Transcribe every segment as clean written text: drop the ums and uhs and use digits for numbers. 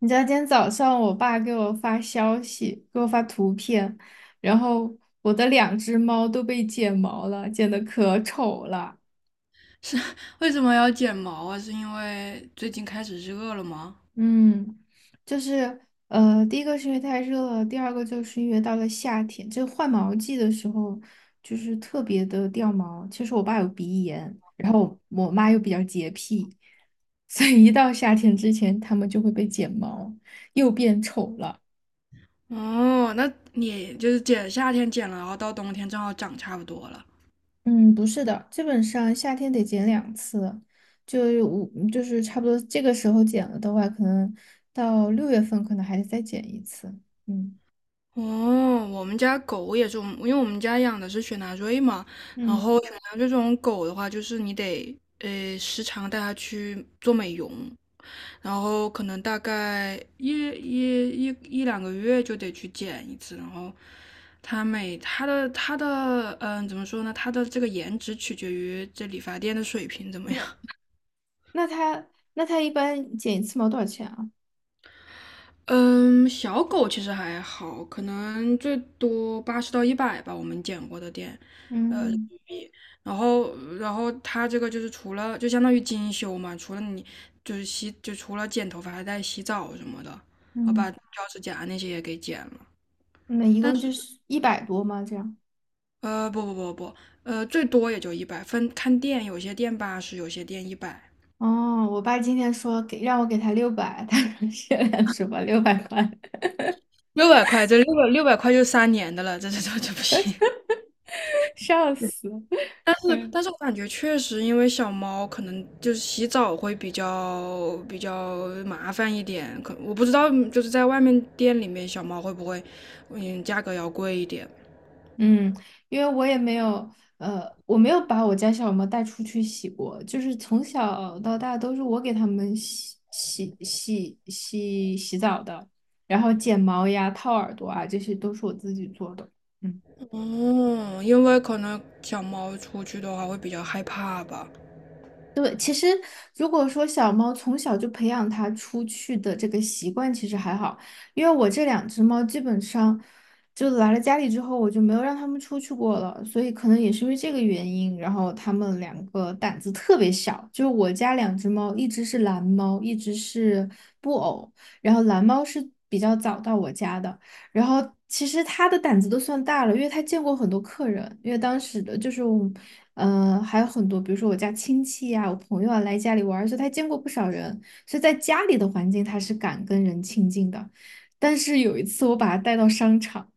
你知道今天早上我爸给我发消息，给我发图片，然后我的两只猫都被剪毛了，剪得可丑了。是。为什么要剪毛啊？是因为最近开始热了吗？嗯，就是第一个是因为太热了，第二个就是因为到了夏天，就换毛季的时候，就是特别的掉毛。其实我爸有鼻炎，然后我妈又比较洁癖，所以一到夏天之前，它们就会被剪毛，又变丑了。哦，那你就是剪夏天剪了，然后到冬天正好长差不多了。嗯，不是的，基本上夏天得剪2次，就是五，就是差不多这个时候剪了的话，可能到6月份可能还得再剪一次。嗯哦，我们家狗也是，因为我们家养的是雪纳瑞嘛，然嗯，后雪纳瑞这种狗的话，就是你得时常带它去做美容，然后可能大概一两个月就得去剪一次，然后它每它的它的嗯、怎么说呢？它的这个颜值取决于这理发店的水平怎么那样。那他那他一般剪一次毛多少钱啊？嗯，小狗其实还好，可能最多80到100吧，我们剪过的店。呃，嗯然后它这个就是除了就相当于精修嘛，除了你就是洗就除了剪头发，还带洗澡什么的，然后把嗯，脚趾甲那些也给剪了。那一共就是100多吗？这样？不不不不，最多也就一百，分看店，有些店八十，有些店一百。哦，我爸今天说让我给他六百，他说限量 是吧？600块，六百块，这六百块就3年的了，这不行。笑死。但 是我感觉确实，因为小猫可能就是洗澡会比较麻烦一点，可我不知道，就是在外面店里面小猫会不会，价格要贵一点。嗯，因为我也没有，我没有把我家小猫带出去洗过，就是从小到大都是我给它们洗澡的，然后剪毛呀、掏耳朵啊，这些都是我自己做的。嗯。哦，因为可能小猫出去的话会比较害怕吧。对，其实如果说小猫从小就培养它出去的这个习惯，其实还好，因为我这两只猫基本上就来了家里之后，我就没有让它们出去过了，所以可能也是因为这个原因，然后它们两个胆子特别小。就是我家两只猫，一只是蓝猫，一只是布偶，然后蓝猫是比较早到我家的。然后其实他的胆子都算大了，因为他见过很多客人，因为当时的就是我们还有很多，比如说我家亲戚呀、我朋友啊来家里玩儿所以他见过不少人，所以在家里的环境他是敢跟人亲近的。但是有一次我把他带到商场，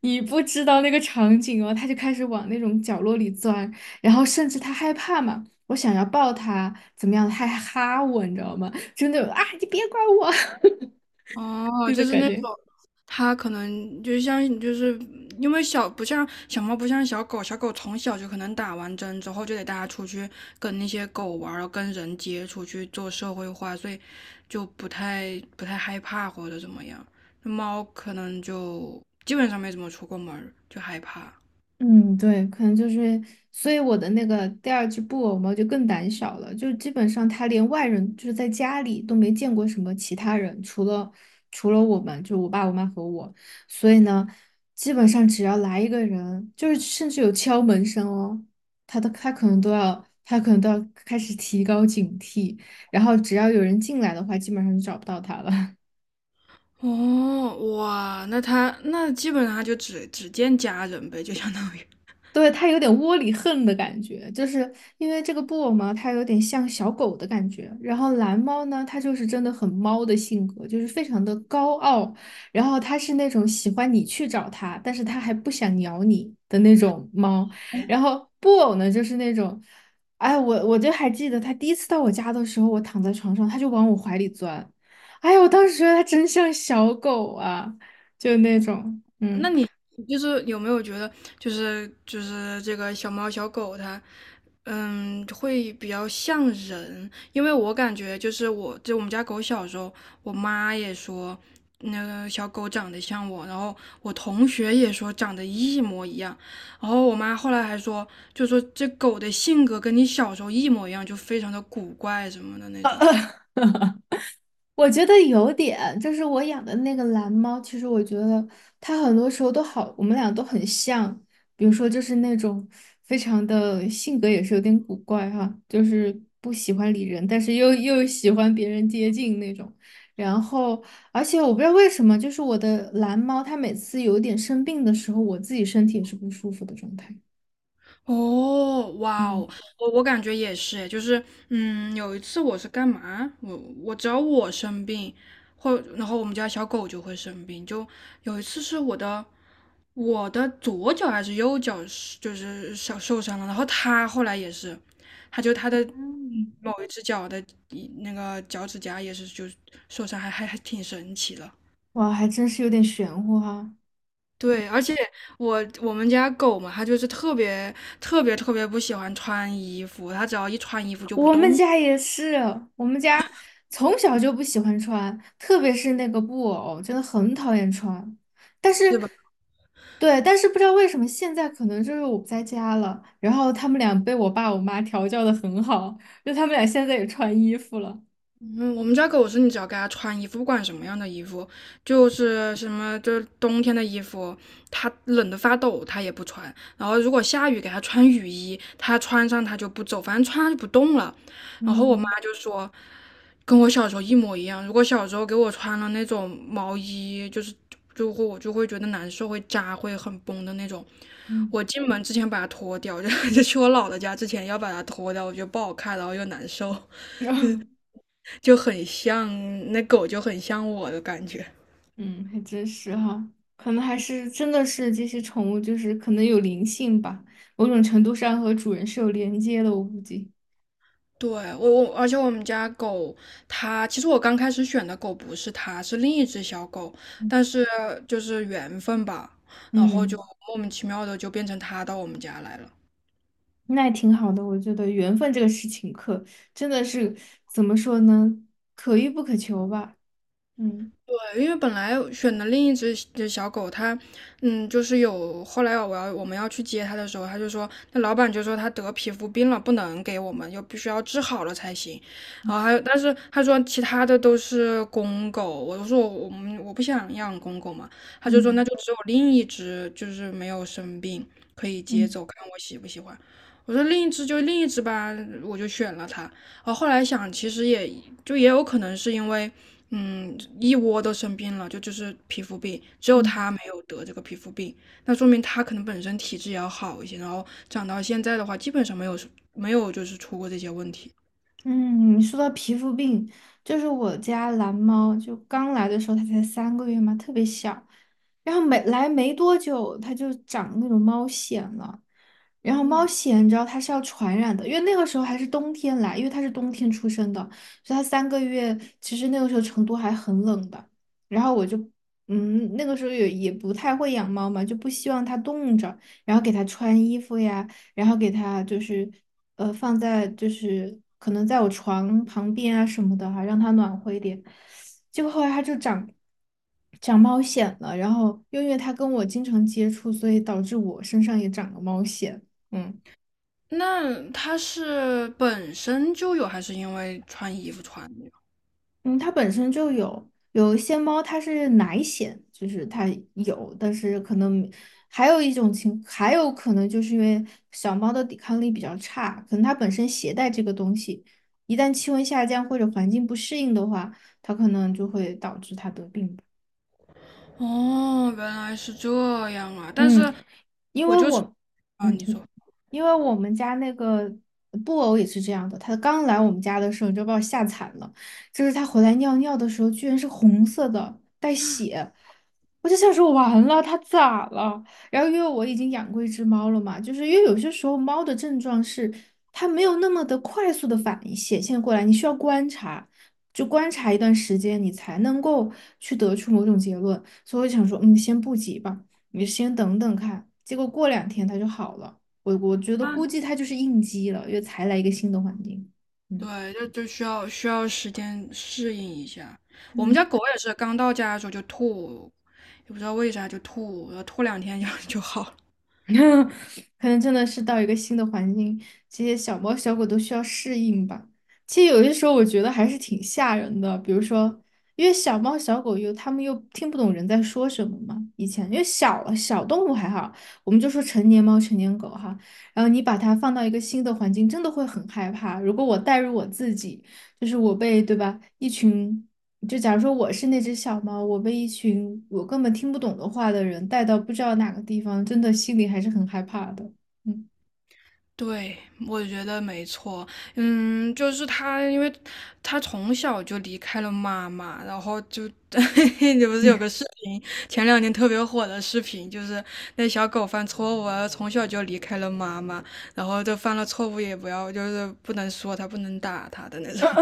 你不知道那个场景哦，他就开始往那种角落里钻，然后甚至他害怕嘛，我想要抱他，怎么样，他还哈我，你知道吗？真的种啊，你别管我 哦，那种就是感那种，觉。它可能就像就是因为不像小猫不像小狗，小狗从小就可能打完针之后就得大家出去跟那些狗玩儿，然后跟人接触去做社会化，所以就不太害怕或者怎么样。那猫可能就基本上没怎么出过门儿，就害怕。嗯，对，可能就是，所以我的那个第二只布偶猫就更胆小了，就基本上它连外人，就是在家里都没见过什么其他人，除了我们，就我爸、我妈和我。所以呢，基本上只要来一个人，就是甚至有敲门声哦，它都它可能都要，它可能都要开始提高警惕，然后只要有人进来的话，基本上就找不到它了。哦，哇，那它那基本上它就只见家人呗，就相当于。对，它有点窝里横的感觉，就是因为这个布偶嘛，它有点像小狗的感觉。然后蓝猫呢，它就是真的很猫的性格，就是非常的高傲。然后它是那种喜欢你去找它，但是它还不想咬你的那种猫。然后布偶呢，就是那种，哎，我就还记得它第一次到我家的时候，我躺在床上，它就往我怀里钻。哎呀，我当时觉得它真像小狗啊，就那种，那嗯。你就是有没有觉得，就是这个小猫小狗它，会比较像人？因为我感觉就是我，就我们家狗小时候，我妈也说那个小狗长得像我，然后我同学也说长得一模一样，然后我妈后来还说，就说这狗的性格跟你小时候一模一样，就非常的古怪什么的那种。我觉得有点，就是我养的那个蓝猫，其实我觉得它很多时候都好，我们俩都很像。比如说，就是那种非常的性格也是有点古怪哈，就是不喜欢理人，但是又喜欢别人接近那种。然后，而且我不知道为什么，就是我的蓝猫，它每次有点生病的时候，我自己身体也是不舒服的状态。哦，哇嗯，哦，我感觉也是诶，就是，有一次我是干嘛？我只要我生病，或然后我们家小狗就会生病，就有一次是我的左脚还是右脚是就是小受伤了，然后它后来也是，它的嗯，某一只脚的那个脚趾甲也是就受伤，还挺神奇的。哇，还真是有点玄乎哈。对，而且我们家狗嘛，它就是特别特别特别不喜欢穿衣服，它只要一穿衣服就不我动，们家也是，我们家从小就不喜欢穿，特别是那个布偶，真的很讨厌穿。但是，对吧？对，但是不知道为什么现在可能就是我不在家了，然后他们俩被我爸我妈调教的很好，就他们俩现在也穿衣服了。嗯，我们家狗是你只要给它穿衣服，不管什么样的衣服，就是什么就是冬天的衣服，它冷得发抖，它也不穿。然后如果下雨给它穿雨衣，它穿上它就不走，反正穿上就不动了。然后我妈嗯就说，跟我小时候一模一样。如果小时候给我穿了那种毛衣，就会觉得难受，会扎，会很崩的那种。嗯 我进门之前把它脱掉，就 就去我姥姥家之前要把它脱掉，我觉得不好看，然后又难受。就很像那狗，就很像我的感觉。嗯，还真是哈，可能还是真的是这些宠物就是可能有灵性吧，某种程度上和主人是有连接的，我估计。对，而且我们家狗，它其实我刚开始选的狗不是它，是另一只小狗，但是就是缘分吧，然后就嗯。莫名其妙的就变成它到我们家来了。那也挺好的，我觉得缘分这个事情可真的是怎么说呢，可遇不可求吧。嗯对，因为本来选的另一只小狗，它，就是后来我们要去接它的时候，它就说，那老板就说它得皮肤病了，不能给我们，又必须要治好了才行。然后还有，但是他说其他的都是公狗，我就说我们我不想养公狗嘛，他就说嗯那就只有另一只就是没有生病可以接嗯走，看我喜不喜欢。我说另一只就另一只吧，我就选了它。我后来想，其实也有可能是因为，一窝都生病了，就是皮肤病，只有嗯他没有得这个皮肤病，那说明他可能本身体质也要好一些，然后长到现在的话，基本上没有就是出过这些问题。嗯，说到皮肤病，就是我家蓝猫，就刚来的时候它才三个月嘛，特别小，然后没来没多久它就长那种猫癣了。然后猫藓你知道它是要传染的，因为那个时候还是冬天来，因为它是冬天出生的，所以它三个月，其实那个时候成都还很冷的。然后我就，那个时候也不太会养猫嘛，就不希望它冻着，然后给它穿衣服呀，然后给它就是，放在就是可能在我床旁边啊什么的哈、让它暖和一点。结果后来它就长猫藓了，然后又因为它跟我经常接触，所以导致我身上也长了猫藓。嗯那他是本身就有，还是因为穿衣服穿的？嗯，它本身就有一些猫，它是奶癣，就是它有，但是可能还有一种情，还有可能就是因为小猫的抵抗力比较差，可能它本身携带这个东西，一旦气温下降或者环境不适应的话，它可能就会导致它得病。哦，原来是这样啊！但嗯，是因我为就是我，啊，嗯，你说因为我们家那个布偶也是这样的，它刚来我们家的时候你就把我吓惨了，就是它回来尿尿的时候居然是红色的，带血，我就想说完了，它咋了？然后因为我已经养过一只猫了嘛，就是因为有些时候猫的症状是它没有那么的快速的反应显现过来，你需要观察。就观察一段时间，你才能够去得出某种结论，所以我想说，嗯，先不急吧。你先等等看。结果过2天他就好了，我觉得啊，估计他就是应激了，因为才来一个新的环境。嗯。对，就需要时间适应一下。我们嗯 家狗也是刚到家的时候就吐，也不知道为啥就吐，然后吐两天就 就好了。可能真的是到一个新的环境，这些小猫小狗都需要适应吧。其实有些时候我觉得还是挺吓人的，比如说，因为小猫小狗又它们又听不懂人在说什么嘛。以前因为小小动物还好，我们就说成年猫成年狗哈。然后你把它放到一个新的环境，真的会很害怕。如果我带入我自己，就是我被对吧一群就假如说我是那只小猫，我被一群我根本听不懂的话的人带到不知道哪个地方，真的心里还是很害怕的。嗯，对，我觉得没错。就是它，因为它从小就离开了妈妈，然后就，你不是有 个视频，前两天特别火的视频，就是那小狗犯错误啊，从小就离开了妈妈，然后就犯了错误也不要，就是不能说它，不能打它的那种。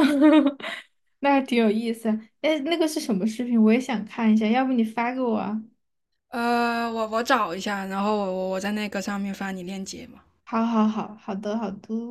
那还挺有意思。哎，那个是什么视频？我也想看一下，要不你发给我啊？我找一下，然后我在那个上面发你链接。好好好，好的好的。